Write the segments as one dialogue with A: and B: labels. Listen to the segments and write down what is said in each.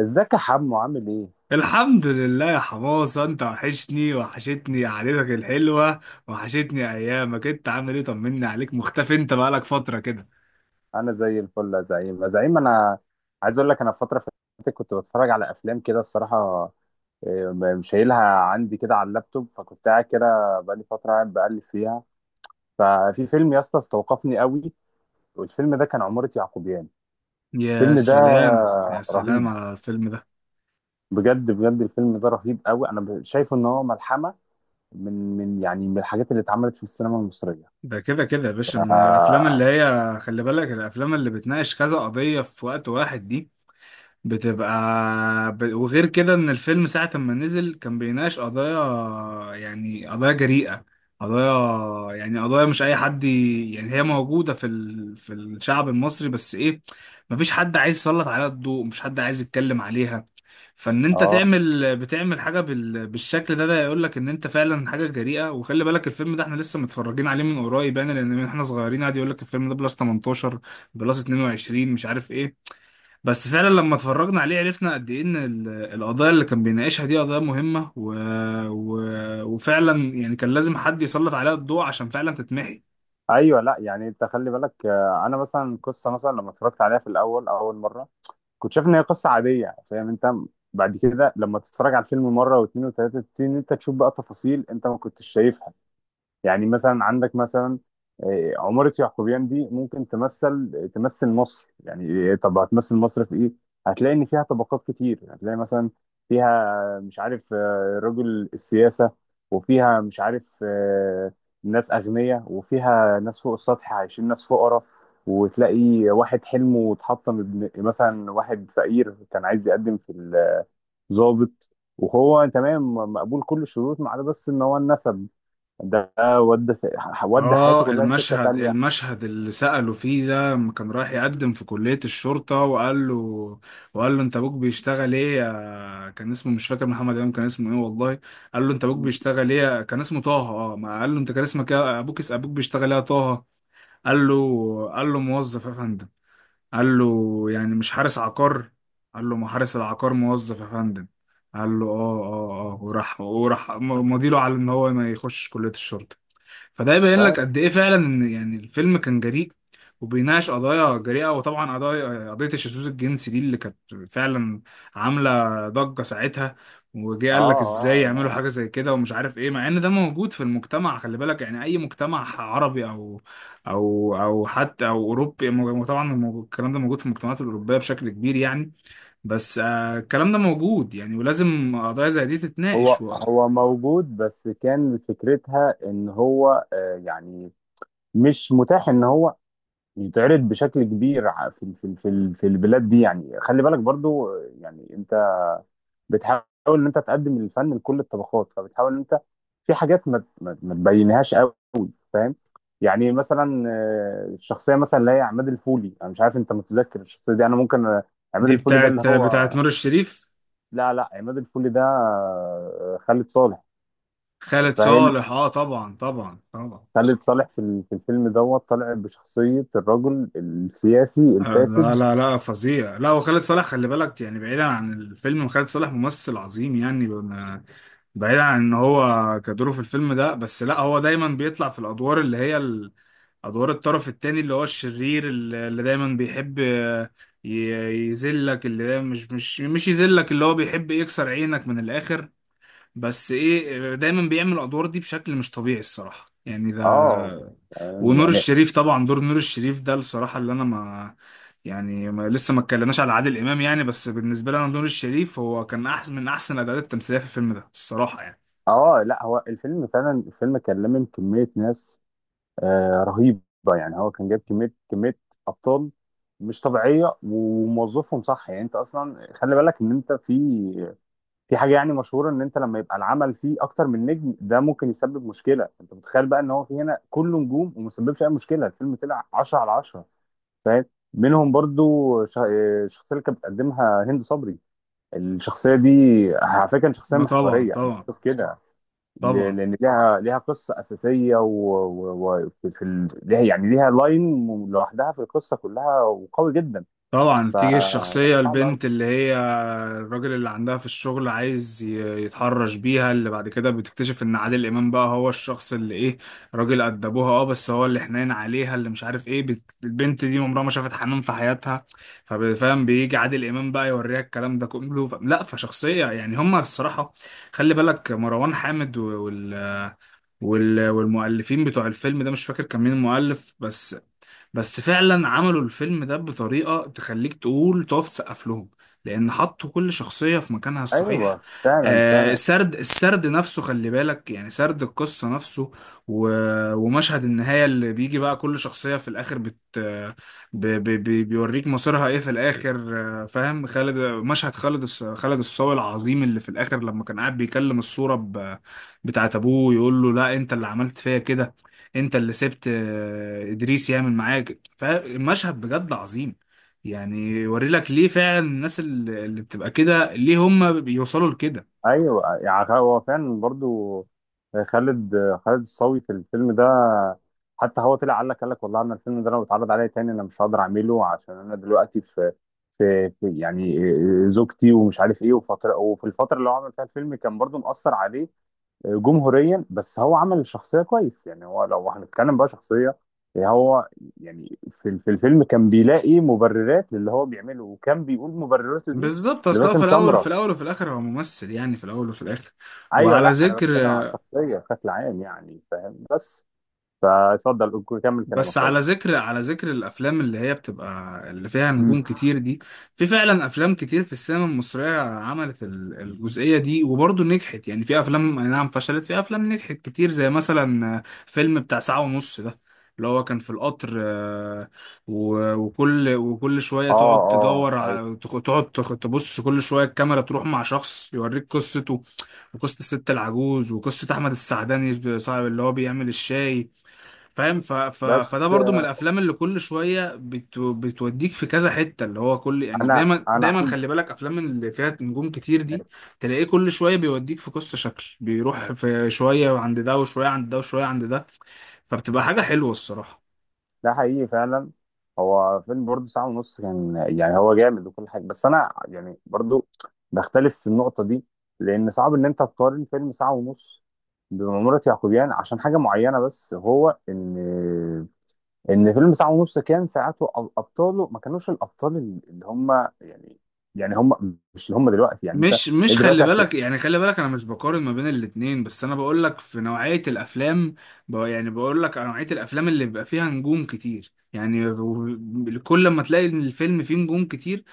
A: ازيك يا حمو عامل ايه؟
B: الحمد لله يا حماصة، انت وحشتني قعدتك الحلوة. وحشتني ايامك، انت عامل ايه؟ طمني عليك، مختفي، انت بقالك فترة كده.
A: انا زي الفل يا زعيم، يا زعيم انا عايز اقول لك انا في فتره فاتت كنت بتفرج على افلام كده الصراحه. شايلها عندي كده على اللابتوب، فكنت قاعد كده بقالي فتره قاعد بقلب فيها. ففي فيلم يا اسطى استوقفني قوي، والفيلم ده كان عمارة يعقوبيان.
B: يا
A: الفيلم ده
B: سلام يا
A: رهيب،
B: سلام على الفيلم ده.
A: بجد بجد الفيلم ده رهيب قوي. انا شايفه ان هو ملحمه من يعني من الحاجات اللي اتعملت في السينما المصريه.
B: ده كده كده يا باشا، من الافلام اللي هي خلي بالك، الافلام اللي بتناقش كذا قضية في وقت واحد دي بتبقى وغير كده ان الفيلم ساعة ما نزل كان بيناقش قضايا، يعني قضايا جريئة. قضايا، يعني قضايا مش اي حد، يعني هي موجودة في الشعب المصري، بس ايه، مفيش حد عايز يسلط عليها الضوء، مش حد عايز يتكلم عليها. فان انت
A: اه،
B: تعمل بتعمل حاجة بالشكل ده، ده يقول لك ان انت فعلا حاجة جريئة. وخلي بالك الفيلم ده احنا لسه متفرجين عليه من قريب، يعني لان من احنا صغيرين قاعد يقول لك الفيلم ده بلس 18 بلس 22 مش عارف ايه. بس فعلا لما اتفرجنا عليه عرفنا قد ايه ان القضايا اللي كان بيناقشها دي قضايا مهمة، و... و... وفعلا يعني كان لازم حد يسلط عليها الضوء عشان فعلا تتمحي.
A: ايوه، لا يعني انت خلي بالك، انا مثلا قصه، مثلا لما اتفرجت عليها في الاول اول مره كنت شايف ان هي قصه عاديه، فاهم انت؟ بعد كده لما تتفرج على الفيلم مره واثنين وثلاثه تبتدي ان انت تشوف بقى تفاصيل انت ما كنتش شايفها. يعني مثلا عندك مثلا، عمارة يعقوبيان دي ممكن تمثل مصر يعني. طب هتمثل مصر في ايه؟ هتلاقي ان فيها طبقات كتير. هتلاقي مثلا فيها مش عارف، رجل السياسة، وفيها مش عارف ناس أغنياء، وفيها ناس فوق السطح عايشين ناس فقراء، وتلاقي واحد حلمه اتحطم، ابن مثلا واحد فقير كان عايز يقدم في الضابط، وهو تمام مقبول كل الشروط ما عدا بس ان هو النسب ده، ودى حياته
B: اه،
A: كلها لسكه
B: المشهد
A: تانيه.
B: المشهد اللي سأله فيه ده لما كان رايح يقدم في كلية الشرطة، وقال له انت ابوك بيشتغل ايه يا- كان اسمه مش فاكر، محمد امام كان اسمه ايه والله، قال له انت ابوك بيشتغل ايه يا- كان اسمه طه، اه، ما قال له انت كان اسمك ايه يا- ابوك، اسم ابوك بيشتغل ايه يا طه؟ قال له، قال له موظف يا فندم. قال له يعني مش حارس عقار؟ قال له ما حارس العقار موظف يا فندم. قال له اه اه اه، وراح مضيله على ان هو ما يخش كلية الشرطة. فده
A: ف
B: يبين
A: اه
B: لك قد ايه فعلا ان يعني الفيلم كان جريء وبيناقش قضايا جريئة. وطبعا قضايا، قضية الشذوذ الجنسي دي اللي كانت فعلا عاملة ضجة ساعتها، وجه قال لك ازاي
A: اه
B: يعملوا
A: لا،
B: حاجة زي كده ومش عارف ايه، مع ان ده موجود في المجتمع. خلي بالك يعني اي مجتمع عربي او حتى اوروبي، طبعا الكلام ده موجود في المجتمعات الاوروبية بشكل كبير يعني. بس الكلام ده موجود يعني، ولازم قضايا زي دي
A: هو
B: تتناقش
A: هو موجود بس كان فكرتها ان هو، يعني مش متاح ان هو يتعرض بشكل كبير في البلاد دي. يعني خلي بالك برضو، يعني انت بتحاول ان انت تقدم الفن لكل الطبقات، فبتحاول ان انت في حاجات ما تبينهاش قوي، فاهم؟ يعني مثلا الشخصيه مثلا اللي هي عماد الفولي، انا مش عارف انت متذكر الشخصيه دي، انا ممكن، عماد
B: دي
A: الفولي ده اللي
B: بتاعت
A: هو،
B: بتاعت نور الشريف.
A: لا لا، عماد الفولي ده خالد صالح،
B: خالد
A: فاهم؟
B: صالح، اه طبعا طبعا طبعا.
A: خالد صالح في في الفيلم دوت طالع بشخصيه الرجل السياسي
B: آه لا
A: الفاسد،
B: لا لا فظيع، لا، وخالد صالح خلي بالك يعني، بعيدا عن الفيلم خالد صالح ممثل عظيم يعني، بعيدا عن ان هو كدوره في الفيلم ده بس، لا هو دايما بيطلع في الادوار اللي هي ادوار الطرف التاني اللي هو الشرير، اللي دايما بيحب يذلك، اللي دايما مش يذلك، اللي هو بيحب يكسر عينك من الاخر. بس ايه، دايما بيعمل الادوار دي بشكل مش طبيعي الصراحة يعني ده.
A: اه، فاهم؟
B: ونور
A: يعني
B: الشريف، طبعا دور نور الشريف ده الصراحة اللي أنا ما يعني ما لسه ما اتكلمناش على عادل إمام يعني. بس بالنسبة لي أنا نور الشريف هو كان أحسن من أحسن الأداءات التمثيلية في الفيلم ده الصراحة يعني.
A: اه لا، هو الفيلم فعلا الفيلم كان لامم كميه ناس رهيبه. يعني هو كان جايب كميه ابطال مش طبيعيه وموظفهم صح. يعني انت اصلا خلي بالك ان انت في في حاجه يعني مشهوره، ان انت لما يبقى العمل فيه اكتر من نجم ده ممكن يسبب مشكله. انت متخيل بقى ان هو في هنا كله نجوم وما سببش اي مشكله؟ الفيلم طلع 10 على 10، فاهم؟ منهم برضو الشخصيه اللي كانت بتقدمها هند صبري. الشخصيه دي على فكره كانت شخصيه
B: أه طبعا
A: محوريه، انا
B: طبعا
A: بشوف كده،
B: طبعا.
A: لان ليها قصه اساسيه وفي و... و... في ال... ليها يعني ليها لاين لوحدها في القصه كلها وقوي جدا.
B: طبعا
A: ف
B: بتيجي الشخصية،
A: صعب أوي.
B: البنت اللي هي الراجل اللي عندها في الشغل عايز يتحرش بيها، اللي بعد كده بتكتشف ان عادل امام بقى هو الشخص اللي ايه، راجل قد ابوها، اه، بس هو اللي حنين عليها اللي مش عارف ايه. البنت دي عمرها ما شافت حنان في حياتها، فاهم، بيجي عادل امام بقى يوريها الكلام ده كله. لا، فشخصية يعني هما الصراحة، خلي بالك مروان حامد و- وال وال... والمؤلفين بتوع الفيلم ده مش فاكر كان مين المؤلف، بس بس فعلا عملوا الفيلم ده بطريقة تخليك تقول، تقف تسقف لهم، لأن حطوا كل شخصية في مكانها الصحيح.
A: ايوه فعلا
B: آه،
A: فعلا.
B: السرد، السرد نفسه خلي بالك يعني، سرد القصة نفسه، و... ومشهد النهاية اللي بيجي بقى كل شخصية في الآخر بت... ب... ب... ب... بيوريك مصيرها إيه في الآخر. آه فاهم، خالد، مشهد خالد الصاوي العظيم اللي في الآخر لما كان قاعد بيكلم الصورة بتاعت ابوه، يقول له لا انت اللي عملت فيا كده، انت اللي سبت ادريس يعمل معاك. فالمشهد بجد عظيم، يعني يوري لك ليه فعلا الناس اللي بتبقى كده ليه هم بيوصلوا لكده.
A: ايوه، يعني هو فعلا برضو خالد خالد الصاوي في الفيلم ده، حتى هو طلع قال لك والله انا الفيلم ده لو اتعرض عليا تاني انا مش هقدر اعمله، عشان انا دلوقتي في في يعني زوجتي ومش عارف ايه، وفتره وفي الفتره اللي هو عمل فيها الفيلم كان برضو مأثر عليه جمهوريا. بس هو عمل الشخصية كويس. يعني هو لو هنتكلم بقى شخصية، يعني هو يعني في في الفيلم كان بيلاقي مبررات للي هو بيعمله، وكان بيقول مبرراته دي
B: بالظبط، اصلا
A: لباسم
B: في الاول في
A: سمرة.
B: الاول وفي الاخر هو ممثل، يعني في الاول وفي الاخر.
A: ايوه
B: وعلى
A: لا انا بتكلم
B: ذكر،
A: على الشخصية بشكل عام، يعني فاهم؟ بس كمل كلامك
B: بس
A: طيب.
B: على ذكر الافلام اللي هي بتبقى اللي فيها
A: مم.
B: نجوم كتير دي، في فعلا افلام كتير في السينما المصريه عملت الجزئيه دي وبرضه نجحت، يعني في افلام أي نعم فشلت، في افلام نجحت كتير، زي مثلا فيلم بتاع ساعه ونص ده اللي هو كان في القطر، آه، و- وكل وكل شويه
A: اه
B: تقعد
A: اه
B: تدور،
A: ايوه،
B: تبص كل شويه الكاميرا تروح مع شخص يوريك قصته، وقصه الست العجوز، وقصه احمد السعداني صاحب اللي هو بيعمل الشاي، فاهم. ف... ف... فده
A: بس
B: برضو من الافلام اللي كل شويه بتوديك في كذا حته، اللي هو كل، يعني
A: انا
B: دايما دايما
A: عندي،
B: خلي بالك افلام اللي فيها نجوم كتير دي تلاقيه كل شويه بيوديك في قصه، شكل بيروح في شويه عند ده وشويه عند ده وشويه عند ده، فبتبقى حاجه حلوه الصراحه.
A: ده حقيقي فعلا. هو فيلم برضه ساعة ونص كان يعني هو جامد وكل حاجة، بس أنا يعني برضه بختلف في النقطة دي، لأن صعب إن أنت تقارن فيلم ساعة ونص بمأمورة يعقوبيان عشان حاجة معينة. بس هو إن فيلم ساعة ونص كان ساعته أبطاله ما كانوش الأبطال اللي هم، يعني يعني هم مش اللي هم دلوقتي. يعني أنت
B: مش
A: إيه
B: مش خلي
A: دلوقتي هت-
B: بالك يعني، خلي بالك انا مش بقارن ما بين الاتنين، بس انا بقول لك في نوعيه الافلام، يعني بقول لك نوعيه الافلام اللي بيبقى فيها نجوم كتير يعني، كل ما تلاقي إن الفيلم فيه نجوم كتير،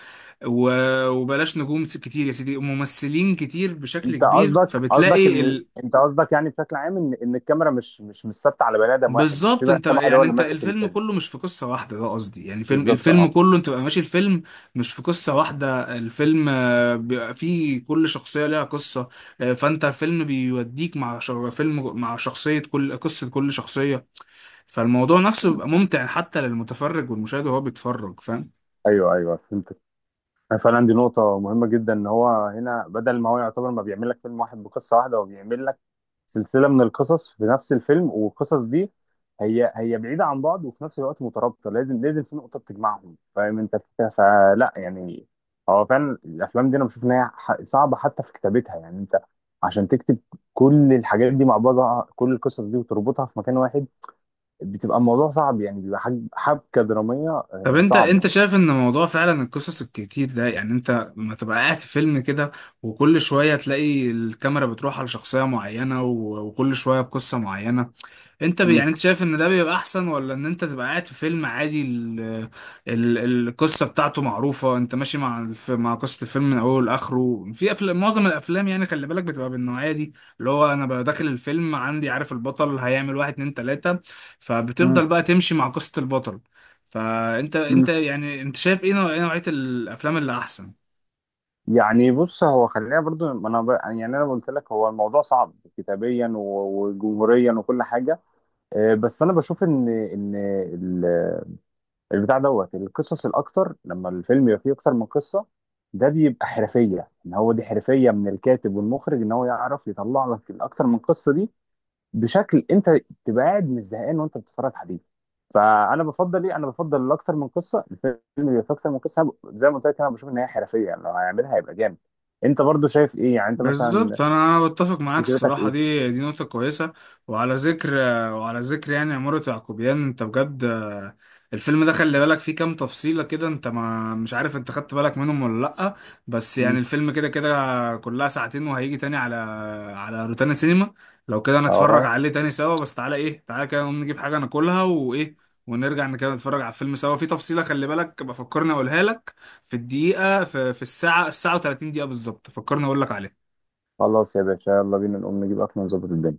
B: وبلاش نجوم كتير يا سيدي، ممثلين كتير بشكل
A: أنت
B: كبير،
A: قصدك
B: فبتلاقي
A: إن أنت قصدك يعني بشكل عام إن إن الكاميرا مش ثابتة على بني آدم واحد، مش في
B: بالظبط.
A: بني
B: انت
A: آدم واحد هو
B: يعني
A: اللي
B: انت
A: ماسك
B: الفيلم
A: الفيلم.
B: كله مش في قصة واحدة، ده قصدي يعني، فيلم
A: بالظبط،
B: الفيلم
A: اه،
B: كله انت بقى ماشي الفيلم مش في قصة واحدة، الفيلم بيبقى فيه كل شخصية ليها قصة، فانت الفيلم بيوديك مع فيلم مع شخصية، كل قصة، كل شخصية. فالموضوع نفسه بيبقى ممتع حتى للمتفرج والمشاهد وهو بيتفرج، فاهم.
A: ايوه ايوه فهمتك. أنا فعلا دي نقطة مهمة جدا، ان هو هنا بدل ما هو يعتبر ما بيعمل لك فيلم واحد بقصة واحدة، هو بيعمل لك سلسلة من القصص في نفس الفيلم. والقصص دي هي بعيدة عن بعض وفي نفس الوقت مترابطة، لازم في نقطة بتجمعهم، فاهم انت الفكرة؟ فلا يعني هو فعلا الافلام دي انا بشوف ان هي صعبة حتى في كتابتها. يعني انت عشان تكتب كل الحاجات دي مع بعضها، كل القصص دي وتربطها في مكان واحد، بتبقى الموضوع صعب. يعني بيبقى حبكة درامية
B: طب انت،
A: صعبة.
B: شايف ان موضوع فعلا القصص الكتير ده، يعني انت لما تبقى قاعد في فيلم كده وكل شويه تلاقي الكاميرا بتروح على شخصيه معينه، و- وكل شويه بقصه معينه، انت يعني انت شايف ان ده بيبقى احسن، ولا ان انت تبقى قاعد في فيلم عادي، ال... القصه بتاعته معروفه، انت ماشي مع مع قصه الفيلم من اوله لاخره، في افلام، معظم الافلام يعني خلي بالك بتبقى بالنوعيه دي اللي هو انا ببقى داخل الفيلم عندي عارف البطل هيعمل واحد اتنين تلاته،
A: مم.
B: فبتفضل بقى تمشي مع قصه البطل. فانت،
A: مم.
B: يعني انت شايف ايه ايه نوعيه الافلام اللي احسن؟
A: يعني بص، هو خلينا برضو، ما انا ب... يعني انا قلت لك هو الموضوع صعب كتابيا وجمهوريا وكل حاجه، بس انا بشوف ان ال- البتاع دوت القصص الاكتر لما الفيلم يبقى فيه اكتر من قصه، ده بيبقى حرفيه، ان هو دي حرفيه من الكاتب والمخرج ان هو يعرف يطلع لك الاكتر من قصه دي بشكل انت تبقى قاعد مش زهقان وانت بتتفرج عليه. فانا بفضل ايه، انا بفضل اكتر من قصه، الفيلم اللي فيه اكتر من قصه أنا زي ما قلت لك انا بشوف ان هي حرفيه، يعني لو هيعملها هيبقى جامد. انت برضو شايف ايه؟ يعني انت مثلا
B: بالظبط، انا بتفق معاك
A: فكرتك
B: الصراحه،
A: ايه؟
B: دي نقطه كويسه. وعلى ذكر وعلى ذكر يعني عماره يعقوبيان، انت بجد، الفيلم ده خلي بالك فيه كام تفصيله كده، انت ما مش عارف انت خدت بالك منهم ولا لا. بس
A: مم.
B: يعني الفيلم كده كده كلها ساعتين، وهيجي تاني على على روتانا سينما، لو كده نتفرج
A: اه
B: عليه تاني سوا. بس تعالى، ايه، تعالى كده نقوم نجيب حاجه ناكلها، وايه، ونرجع كده نتفرج على الفيلم سوا. في تفصيله خلي بالك بفكرني اقولها لك، في الدقيقه، في الساعه و30 دقيقه بالظبط فكرني اقول لك عليها.
A: خلاص يا باشا، يلا بينا نقوم نجيب اكل ونظبط الدنيا.